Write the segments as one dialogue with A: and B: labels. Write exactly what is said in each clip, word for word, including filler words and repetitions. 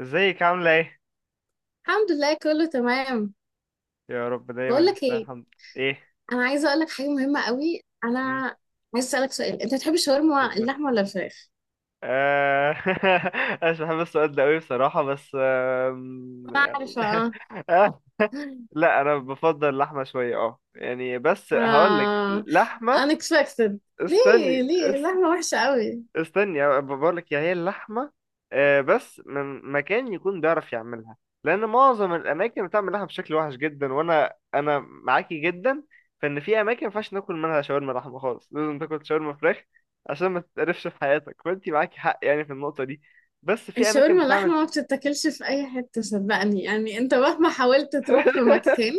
A: ازيك عاملة ايه؟
B: الحمد لله كله تمام.
A: يا رب دايما
B: بقول لك
A: نستاهل
B: ايه؟
A: الحمد. ايه؟
B: انا عايزه اقول لك حاجه مهمه قوي. انا
A: مم.
B: عايزه اسالك سؤال، انت بتحب الشاورما
A: اتفضل.
B: اللحمه ولا الفراخ؟
A: آه، انا مش بحب السؤال ده قوي بصراحة، بس آم،
B: انا
A: يعني.
B: عارفه اه.
A: آه، لا، انا بفضل اللحمة شوية. اه يعني بس هقول لك
B: آه،
A: لحمة.
B: unexpected. ليه
A: استني
B: ليه اللحمه وحشه قوي؟
A: استني، بقول لك يا هي اللحمه. آه، بس من مكان يكون بيعرف يعملها. لان معظم الاماكن بتعمل لحمه بشكل وحش جدا، وانا انا معاكي جدا. فان في اماكن ما ينفعش ناكل منها شاورما لحمه خالص، لازم تاكل شاورما فراخ عشان ما تتقرفش في حياتك. فانت معاكي حق يعني في النقطه دي. بس في اماكن
B: الشاورما
A: بتعمل.
B: اللحمه ما بتتاكلش في اي حته، صدقني يعني. انت مهما حاولت تروح في مكان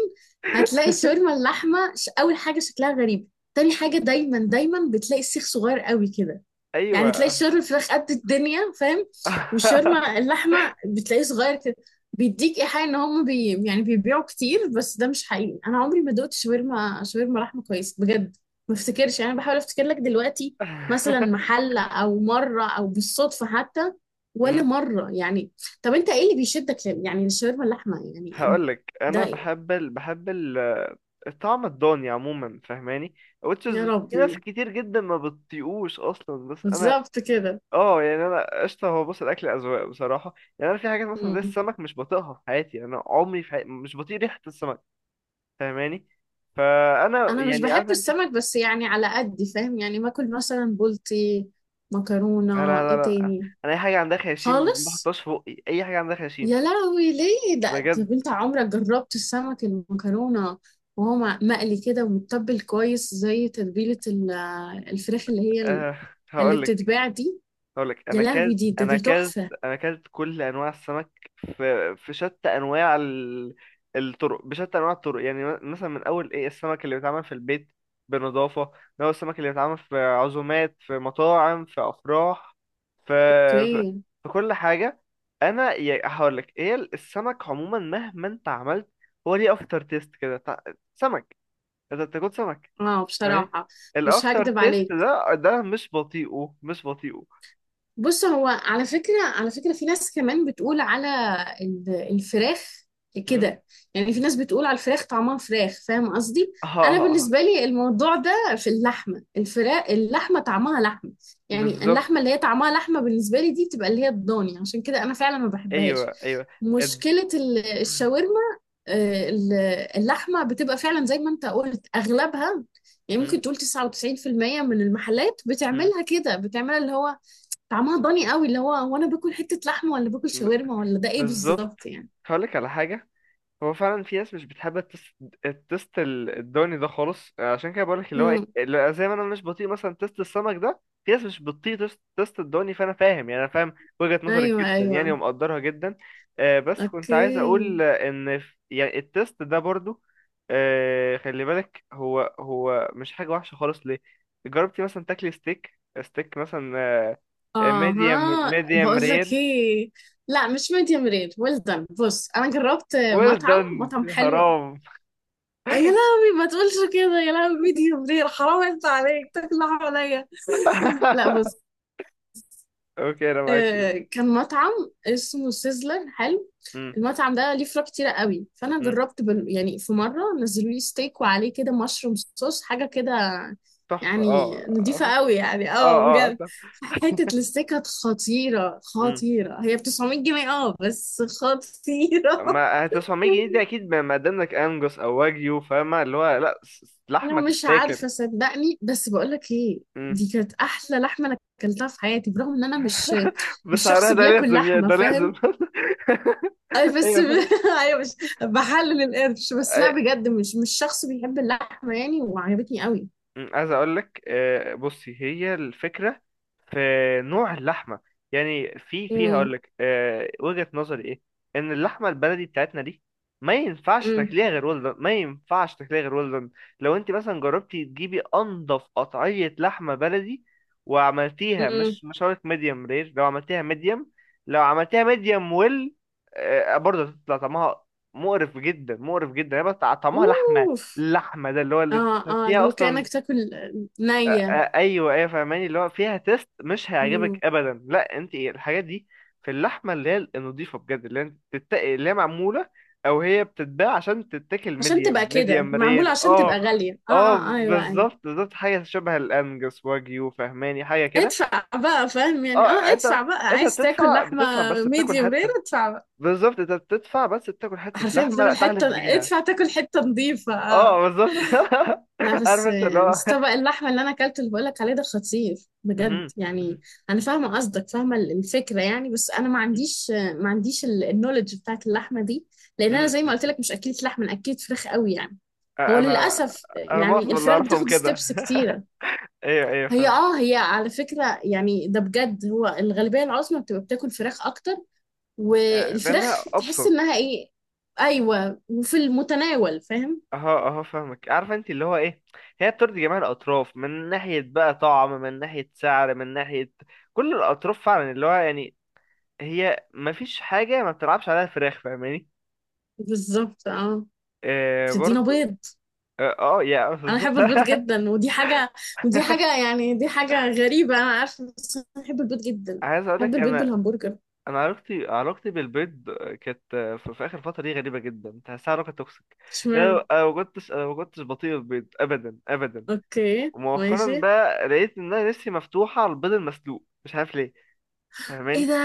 B: هتلاقي الشاورما اللحمه. ش- اول حاجه شكلها غريب. تاني حاجه، دايما دايما بتلاقي السيخ صغير قوي كده. يعني
A: ايوه.
B: تلاقي الشاورما الفراخ قد الدنيا، فاهم؟ والشاورما اللحمه بتلاقيه صغير كده. بيديك ايحاء ان هم بي يعني بيبيعوا كتير، بس ده مش حقيقي. انا عمري ما دوقت شاورما شاورما لحمه كويس بجد. ما افتكرش يعني، أنا بحاول افتكر لك دلوقتي مثلا محل، او مره، او بالصدفه حتى، ولا
A: مم.
B: مره يعني. طب انت ايه اللي بيشدك لل- يعني الشاورما اللحمه يعني؟
A: هقول لك
B: ده
A: انا
B: إيه؟
A: بحب ال... بحب ال... الطعم الضاني عموما، فاهماني. Which
B: يا
A: is في ناس
B: ربي،
A: كتير جدا ما بتطيقوش اصلا، بس انا...
B: بالظبط كده.
A: اه يعني انا قشطه. هو بص، الاكل اذواق بصراحه يعني. انا في حاجات مثلا زي السمك مش بطيقها في حياتي، يعني انا عمري في حياتي مش بطيق ريحه السمك. فاهماني. فانا
B: انا مش
A: يعني
B: بحب
A: عارفه انت...
B: السمك بس يعني على قد فاهم يعني، باكل مثلا بولتي،
A: لا،
B: مكرونة،
A: لا، لا،
B: ايه
A: لا.
B: تاني.
A: انا اي حاجه عندها خياشيم ما
B: خالص.
A: بحطهاش في بقي، اي حاجه عندها خياشيم.
B: يا لهوي ليه ده؟
A: بجد.
B: طب انت عمرك جربت السمك المكرونة وهو مع- مقلي كده ومتبل كويس زي تتبيلة ال- الفراخ اللي هي ال-
A: أه
B: اللي
A: هقول لك
B: بتتباع دي؟
A: اقول لك انا
B: يا لهوي،
A: اكلت
B: دي ده
A: انا
B: ده
A: اكلت
B: تحفة.
A: انا اكلت كل انواع السمك. في في شتى انواع ال- الطرق، بشتى انواع الطرق. يعني م- مثلا، من اول ايه السمك اللي بيتعمل في البيت بنظافه، من اول السمك اللي بيتعمل في عزومات، في مطاعم، في افراح، في
B: اوكي
A: في, في كل حاجه. انا هقول لك ايه، السمك عموما مهما انت عملت، هو ليه افتر تيست كده. تع- سمك. انت بتاكل سمك؟
B: اه،
A: تمام.
B: بصراحة مش
A: الافتر
B: هكدب
A: تيست
B: عليك.
A: ده ده مش بطيئه مش بطيئه.
B: بص هو على فكرة على فكرة، في ناس كمان بتقول على ال- الفراخ كده. يعني في ناس بتقول على الفراخ طعمها فراخ، فاهم قصدي.
A: اه،
B: انا
A: اه، اه،
B: بالنسبة لي الموضوع ده، في اللحمة الفراخ اللحمة طعمها لحمة. يعني
A: بالظبط.
B: اللحمة اللي هي طعمها لحمة بالنسبة لي دي بتبقى اللي هي الضاني، عشان كده انا فعلا ما بحبهاش.
A: ايوه، ايوه، اد-
B: مشكلة ال- الشاورما. آه، ال- اللحمة بتبقى فعلا زي ما انت قلت، اغلبها يعني
A: م-
B: ممكن تقول تسعة وتسعين في المية من المحلات
A: م-
B: بتعملها كده، بتعملها اللي هو طعمها ضاني قوي، اللي هو هو انا باكل حتة لحمة ولا باكل
A: ب-
B: شاورما ولا ده ايه
A: بالظبط.
B: بالظبط يعني.
A: هقولك على حاجة. هو فعلا في ناس مش بتحب التست، التست ال- الدوني ده خالص. عشان كده بقولك اللي هو ايه،
B: مم.
A: اللي زي ما انا مش بطيء مثلا تست السمك ده، في ناس مش بتطيق تست، تست الدوني. فانا فاهم يعني، انا فاهم وجهة نظرك
B: ايوه
A: جدا يعني،
B: ايوه.
A: ومقدرها جدا. آه بس كنت عايز
B: اوكي.
A: اقول ان في- يعني التست ده برضو. آه خلي بالك، هو هو مش حاجة وحشة خالص. ليه؟ جربتي مثلا تاكلي ستيك ستيك مثلا؟ ميديوم
B: اها،
A: ميديوم
B: بقول لك
A: رير.
B: ايه، لا مش ميديم رير، ويل دان. بص انا جربت
A: ويل
B: مطعم
A: دون.
B: مطعم حلو.
A: حرام.
B: آه، يا لهوي ما تقولش كده يا لهوي، ميديم رير حرام، انت عليك تاكل لحمة نية. لا بص،
A: اوكي، انا معاك.
B: آه، كان مطعم اسمه سيزلر حلو. المطعم ده ليه فروع كتيرة قوي، فأنا
A: مم.
B: جربت بال... يعني في مرة نزلوا لي ستيك وعليه كده مشروم صوص، حاجة كده.
A: تحفة.
B: يعني
A: اه،
B: نضيفة
A: اه،
B: قوي، يعني اه
A: اه، آه،
B: بجد.
A: تحفة.
B: حتة الستيك كانت خطيرة
A: مم.
B: خطيرة، هي ب تسعمية جنيه اه بس خطيرة.
A: ما هتسعمية جنيه دي اكيد، ما ما قداملك انجوس او واجيو، فاهمة اللي هو لا. س- س-
B: أنا
A: لحمة
B: مش
A: تتاكل.
B: عارفة صدقني، بس بقولك ايه،
A: مم.
B: دي كانت أحلى لحمة أنا أكلتها في حياتي، برغم إن أنا مش مش شخص
A: بسعرها ده
B: بياكل
A: لازم يعني،
B: لحمة،
A: ده لازم.
B: فاهم. اي بس
A: ايوه
B: ب...
A: فاهم.
B: ايوه، مش بحلل القرش، بس لا
A: أي-
B: بجد، مش مش شخص بيحب اللحمه يعني، وعجبتني قوي.
A: مم. عايز اقول لك، آه، بصي، هي الفكرة في نوع اللحمة. يعني في في هقول
B: امم
A: لك آه، وجهة نظري ايه. ان اللحمة البلدي بتاعتنا دي ما ينفعش
B: امم
A: تاكليها غير ولدن، ما ينفعش تاكليها غير ولدن. لو انت مثلا جربتي تجيبي انضف قطعية لحمة بلدي وعملتيها،
B: امم
A: مش مش هقول لك ميديوم رير، لو عملتيها ميديوم، لو عملتيها ميديوم ويل، برضه هتطلع طعمها مقرف جدا، مقرف جدا، هي بس طعمها لحمة،
B: اوف.
A: اللحمة ده اللي هو اللي
B: اه اه،
A: تحسيها
B: لو
A: اصلا.
B: كانك تاكل نيه.
A: آه، ايوه، ايوه، فاهماني اللي هو فيها تيست مش
B: مم.
A: هيعجبك ابدا. لا انت إيه، الحاجات دي في اللحمه اللي هي النضيفه بجد، اللي انت تتق... اللي هي معموله او هي بتتباع عشان تتاكل
B: عشان تبقى
A: ميديم،
B: كده
A: ميديم
B: معموله،
A: رير.
B: عشان
A: اه.
B: تبقى غاليه اه
A: اه
B: اه ايوه ايوه.
A: بالظبط، بالظبط، حاجه شبه الانجس واجيو فاهماني، حاجه كده.
B: ادفع بقى فاهم يعني
A: اه.
B: اه،
A: انت
B: ادفع بقى
A: انت
B: عايز تاكل
A: بتدفع
B: لحمه.
A: بتدفع بس بتاكل
B: ميديوم رير
A: حته.
B: ادفع بقى.
A: بالظبط، انت بتدفع بس بتاكل حته
B: حرفيا
A: لحمه
B: بتاكل
A: تحلف
B: حته،
A: بيها.
B: ادفع تاكل حته نظيفه
A: اه
B: اه.
A: بالظبط.
B: لا
A: عارف
B: بس،
A: انت اللي هو.
B: بس طبق اللحمة اللي أنا أكلته اللي بقولك عليه ده خطير
A: مهم.
B: بجد يعني. أنا فاهمة قصدك، فاهمة ال- الفكرة يعني. بس أنا ما عنديش ما عنديش النولج بتاعت اللحمة دي، لأن أنا زي ما
A: مهم.
B: قلت لك مش أكلة لحمة، أنا أكلة فراخ قوي يعني. هو
A: انا،
B: للأسف
A: انا
B: يعني
A: معظم اللي
B: الفراخ
A: اعرفهم
B: بتاخد
A: كده.
B: ستيبس كتيرة.
A: ايوه، ايوه،
B: هي
A: فاهمك.
B: اه هي على فكرة يعني، ده بجد، هو الغالبية العظمى بتبقى بتاكل فراخ أكتر.
A: آه،
B: والفراخ
A: لانها
B: تحس
A: ابسط.
B: إنها إيه، أيوة، وفي المتناول فاهم.
A: اهو، اهو، فاهمك، عارفه انت اللي هو ايه. هي بترضي جميع الاطراف، من ناحيه بقى طعم، من ناحيه سعر، من ناحيه كل الاطراف فعلا، اللي هو يعني، هي ما فيش حاجه ما بتلعبش عليها فراخ، فاهماني.
B: بالظبط اه.
A: آه
B: بتدينا
A: برضو.
B: بيض،
A: اه، آه، يا
B: انا
A: بالظبط.
B: بحب البيض جدا. ودي حاجه، ودي حاجه يعني دي حاجه غريبه انا عارفه، بس انا بحب البيض جدا.
A: عايز اقول
B: بحب
A: لك
B: البيض
A: انا،
B: بالهمبرجر.
A: انا علاقتي علاقتي بالبيض كانت في في اخر فتره دي غريبه جدا، تحسها علاقه توكسيك.
B: اشمعنى.
A: انا أنا ما كنتش انا ما كنتش بطيء البيض ابدا، ابدا.
B: اوكي
A: ومؤخرا
B: ماشي.
A: بقى لقيت ان انا نفسي مفتوحه على البيض المسلوق، مش عارف ليه،
B: ايه
A: فاهماني.
B: ده؟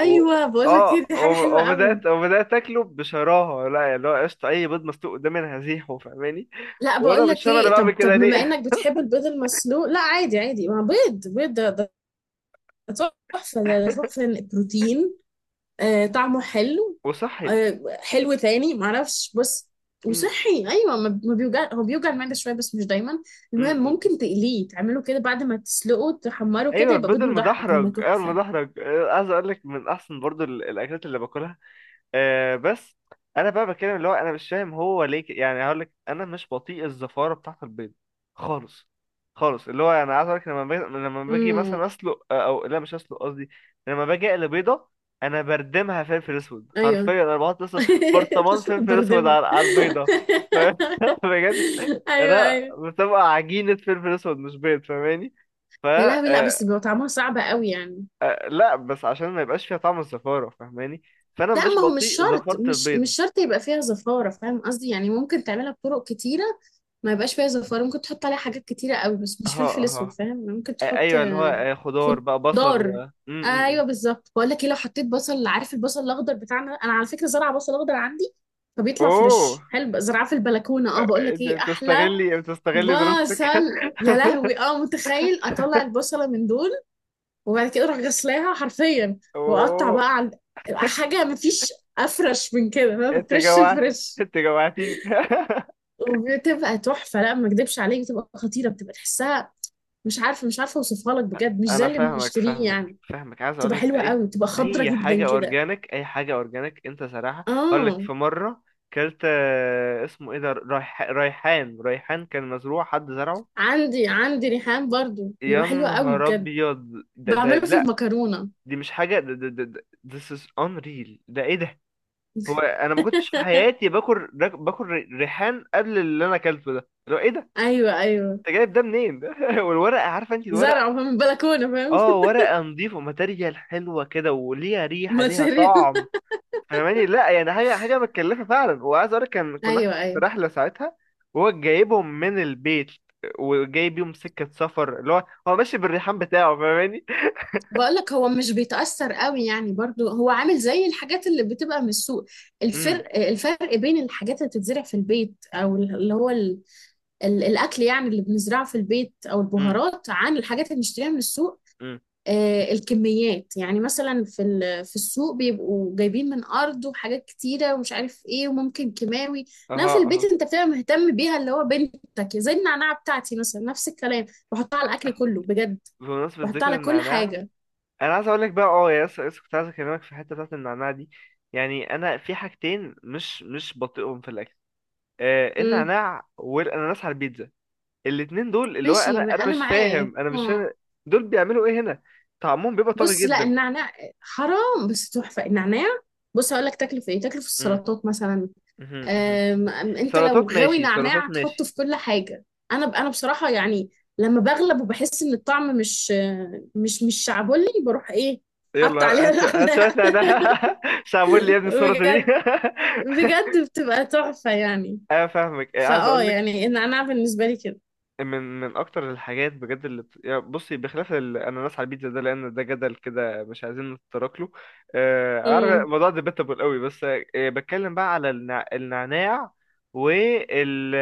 A: و...
B: بقول لك ايه،
A: اه
B: دي حاجه حلوه
A: و-
B: قوي.
A: وبدات وبدات اكله بشراهه. لا يعني اللي هو قشطه، اي بيض مسلوق قدامي انا هزيحه، فاهماني.
B: لا
A: وانا
B: بقول
A: مش
B: لك
A: فاهم انا
B: ايه،
A: بعمل
B: طب طب
A: كده
B: بما
A: ليه.
B: انك بتحب البيض المسلوق، لا عادي عادي، ما بيض بيض ده ده تحفه، ده ده تحفه. بروتين. آه طعمه حلو.
A: وصحي.
B: آه حلو تاني، معرفش بس.
A: أمم،
B: وصحي ايوه، ما ما بيوجع، هو بيوجع المعده شويه بس مش دايما.
A: أمم،
B: المهم
A: أمم.
B: ممكن تقليه، تعمله كده بعد ما تسلقه تحمره كده،
A: ايوه،
B: يبقى
A: البيض
B: بيض مدحرج هيبقى
A: المدحرج، ايوه
B: تحفه.
A: المدحرج. آه، عايز اقول لك، من احسن برضو ال- الاكلات اللي باكلها. آه بس انا بقى بتكلم اللي هو انا مش فاهم هو ليه، ك- يعني هقول لك، انا مش بطيء الزفاره بتاعه البيض خالص، خالص. اللي هو انا عايز اقول لك، لما باجي لما باجي
B: امم
A: مثلا اسلق، آه، او لا، مش اسلق قصدي. لما باجي اقلي بيضه، انا بردمها فلفل اسود
B: ايوه.
A: حرفيا، انا بحط لسه برطمان فلفل اسود
B: بردمه
A: على على البيضه. ف- بجد،
B: ايوه
A: انا
B: ايوه.
A: بتبقى عجينه فلفل اسود مش بيض، فاهماني. ف
B: يا لهوي، لا
A: آه،
B: بس بيبقى طعمها صعب قوي يعني.
A: آه، لا بس عشان ما يبقاش فيها طعم الزفاره، فاهماني. فانا
B: لا
A: مش
B: ما هو مش
A: بطيء
B: شرط،
A: زفاره
B: مش
A: البيض.
B: مش شرط يبقى فيها زفارة، فاهم قصدي يعني. ممكن تعملها بطرق كتيرة ما يبقاش فيها زفارة، ممكن تحط عليها حاجات كتيرة قوي بس مش
A: اها،
B: فلفل اسود،
A: اها،
B: فاهم. ممكن
A: آه،
B: تحط
A: ايوه اللي هو
B: آه،
A: آه، خضار بقى، بصل و
B: خضار.
A: م- م-
B: ايوه
A: م.
B: بالظبط، بقول لك ايه، لو حطيت بصل، عارف البصل الاخضر بتاعنا، انا على فكرة زرعة بصل اخضر عندي، فبيطلع
A: اوه.
B: فريش حلو بقى، زرعة في البلكونة اه. بقول
A: آه،
B: لك
A: انت
B: ايه، احلى
A: بتستغلي بتستغلي دراستك.
B: بصل. يا لهوي اه، متخيل اطلع البصلة من دول، وبعد كده اروح غسلاها حرفيا، واقطع
A: اوه.
B: بقى على حاجه، مفيش افرش من كده فاهم،
A: انت
B: فريش
A: جوعت،
B: الفريش.
A: انت جوعتيني.
B: وبتبقى تحفه، لا ما اكدبش عليك بتبقى خطيره، بتبقى تحسها. مش عارفه مش عارفه اوصفها لك بجد، مش
A: انا
B: زي اللي
A: فاهمك،
B: بنشتريه
A: فاهمك،
B: يعني.
A: فاهمك. عايز اقول
B: بتبقى
A: لك،
B: حلوه
A: اي
B: قوي، بتبقى خضره
A: اي حاجه
B: جدا كده.
A: اورجانيك، اي حاجه اورجانيك. انت صراحه، اقول لك
B: اه
A: في مره كلت آه، اسمه ايه ده، ريح... ريحان، ريحان كان مزروع، حد زرعه.
B: عندي عندي ريحان برضو بيبقى
A: يا
B: حلو قوي
A: نهار
B: بجد،
A: ابيض! ده
B: بعمله في
A: ده
B: المكرونه.
A: دي مش حاجة، ده ده ده ده- this is unreal. ده ايه ده؟ هو انا ما كنتش في حياتي باكل راك- باكل ري- ريحان قبل اللي انا اكلته ده. لو ايه ده؟
B: ايوه ايوه.
A: انت جايب ده منين؟ والورقة، عارفة انت الورقة،
B: زرعه من البلكونه فاهم.
A: اه، ورقة نظيفة، ماتيريال حلوة كده، وليها ريحة، ليها
B: ماتيريال.
A: طعم، فاهماني. لا يعني حاجة، حاجة متكلفة فعلا. وعايز اقول لك، كان كنا
B: ايوه
A: احنا في
B: ايوه.
A: رحلة ساعتها وهو جايبهم من البيت، وجايب يوم سكة سفر اللي هو هو ماشي بالريحان بتاعه، فاهماني.
B: بقولك هو مش بيتأثر قوي يعني برضو، هو عامل زي الحاجات اللي بتبقى من السوق.
A: امم
B: الفرق الفرق بين الحاجات اللي بتتزرع في البيت، او اللي هو ال... ال... الاكل يعني اللي بنزرعه في البيت او
A: امم
B: البهارات، عن الحاجات اللي بنشتريها من السوق.
A: امم
B: آه الكميات يعني مثلا في ال... في السوق بيبقوا جايبين من ارض وحاجات كتيرة ومش عارف ايه، وممكن كيماوي. انما في البيت
A: اها،
B: انت بتبقى مهتم بيها، اللي هو بنتك. زي النعناع بتاعتي مثلا نفس الكلام، بحطها على الاكل كله بجد،
A: بمناسبة
B: بحطها
A: ذكر
B: على كل
A: النعناع،
B: حاجة.
A: أنا عايز أقولك بقى. أه يا، لسه لسه كنت عايز أكلمك في الحتة بتاعة النعناع دي. يعني أنا في حاجتين مش مش بطيئهم في الأكل، آه النعناع والأناناس على البيتزا. الاتنين دول اللي هو، أنا
B: ماشي
A: أنا
B: انا
A: مش
B: معاك.
A: فاهم، أنا مش
B: مم.
A: فاهم. دول بيعملوا إيه هنا؟ طعمهم بيبقى طاغي
B: بص لا،
A: جدا.
B: النعناع حرام، بس تحفه النعناع. بص هقول لك تاكله في ايه، تاكله في
A: مم.
B: السلطات مثلا.
A: مهم. مهم.
B: أم أم انت لو
A: سلطات
B: غاوي
A: ماشي،
B: نعناع
A: سلطات
B: هتحطه
A: ماشي.
B: في كل حاجه. انا ب- انا بصراحه يعني، لما بغلب وبحس ان الطعم مش مش مش شعبولي، بروح ايه، حط
A: يلا
B: عليها
A: هات شو- هات شوية
B: نعناع.
A: نعناع. مش عامل لي يا ابني السلطة دي؟
B: بجد بجد بتبقى تحفه يعني.
A: أنا فاهمك. آه، عايز
B: فاه
A: أقولك،
B: يعني النعناع بالنسبه لي كده.
A: من من اكتر الحاجات بجد اللي بت... يعني بصي، بخلاف الاناناس على البيتزا ده، لان ده جدل كده مش عايزين نتطرق له. آه، عارف
B: امم
A: الموضوع ديبيتابل قوي. بس آه، بتكلم بقى على النع... النعناع وال ال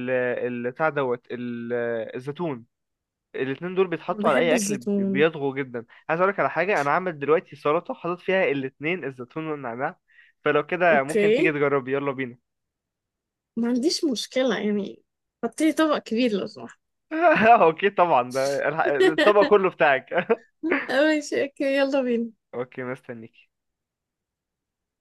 A: ال بتاع دوت ال- الزيتون. الاتنين دول بيتحطوا على
B: بحب
A: اي اكل، بي-
B: الزيتون.
A: بيضغوا جدا. عايز اقولك على حاجه، انا عامل دلوقتي سلطه حاطط فيها الاتنين، الزيتون والنعناع. فلو كده ممكن تيجي
B: اوكي
A: تجربي، يلا بينا.
B: ما عنديش مشكلة يعني، حطيلي طبق كبير لو سمحت.
A: اوكي طبعا، ده الح- الطبق كله بتاعك.
B: ماشي، اوكي، يلا بينا.
A: اوكي، مستنيك.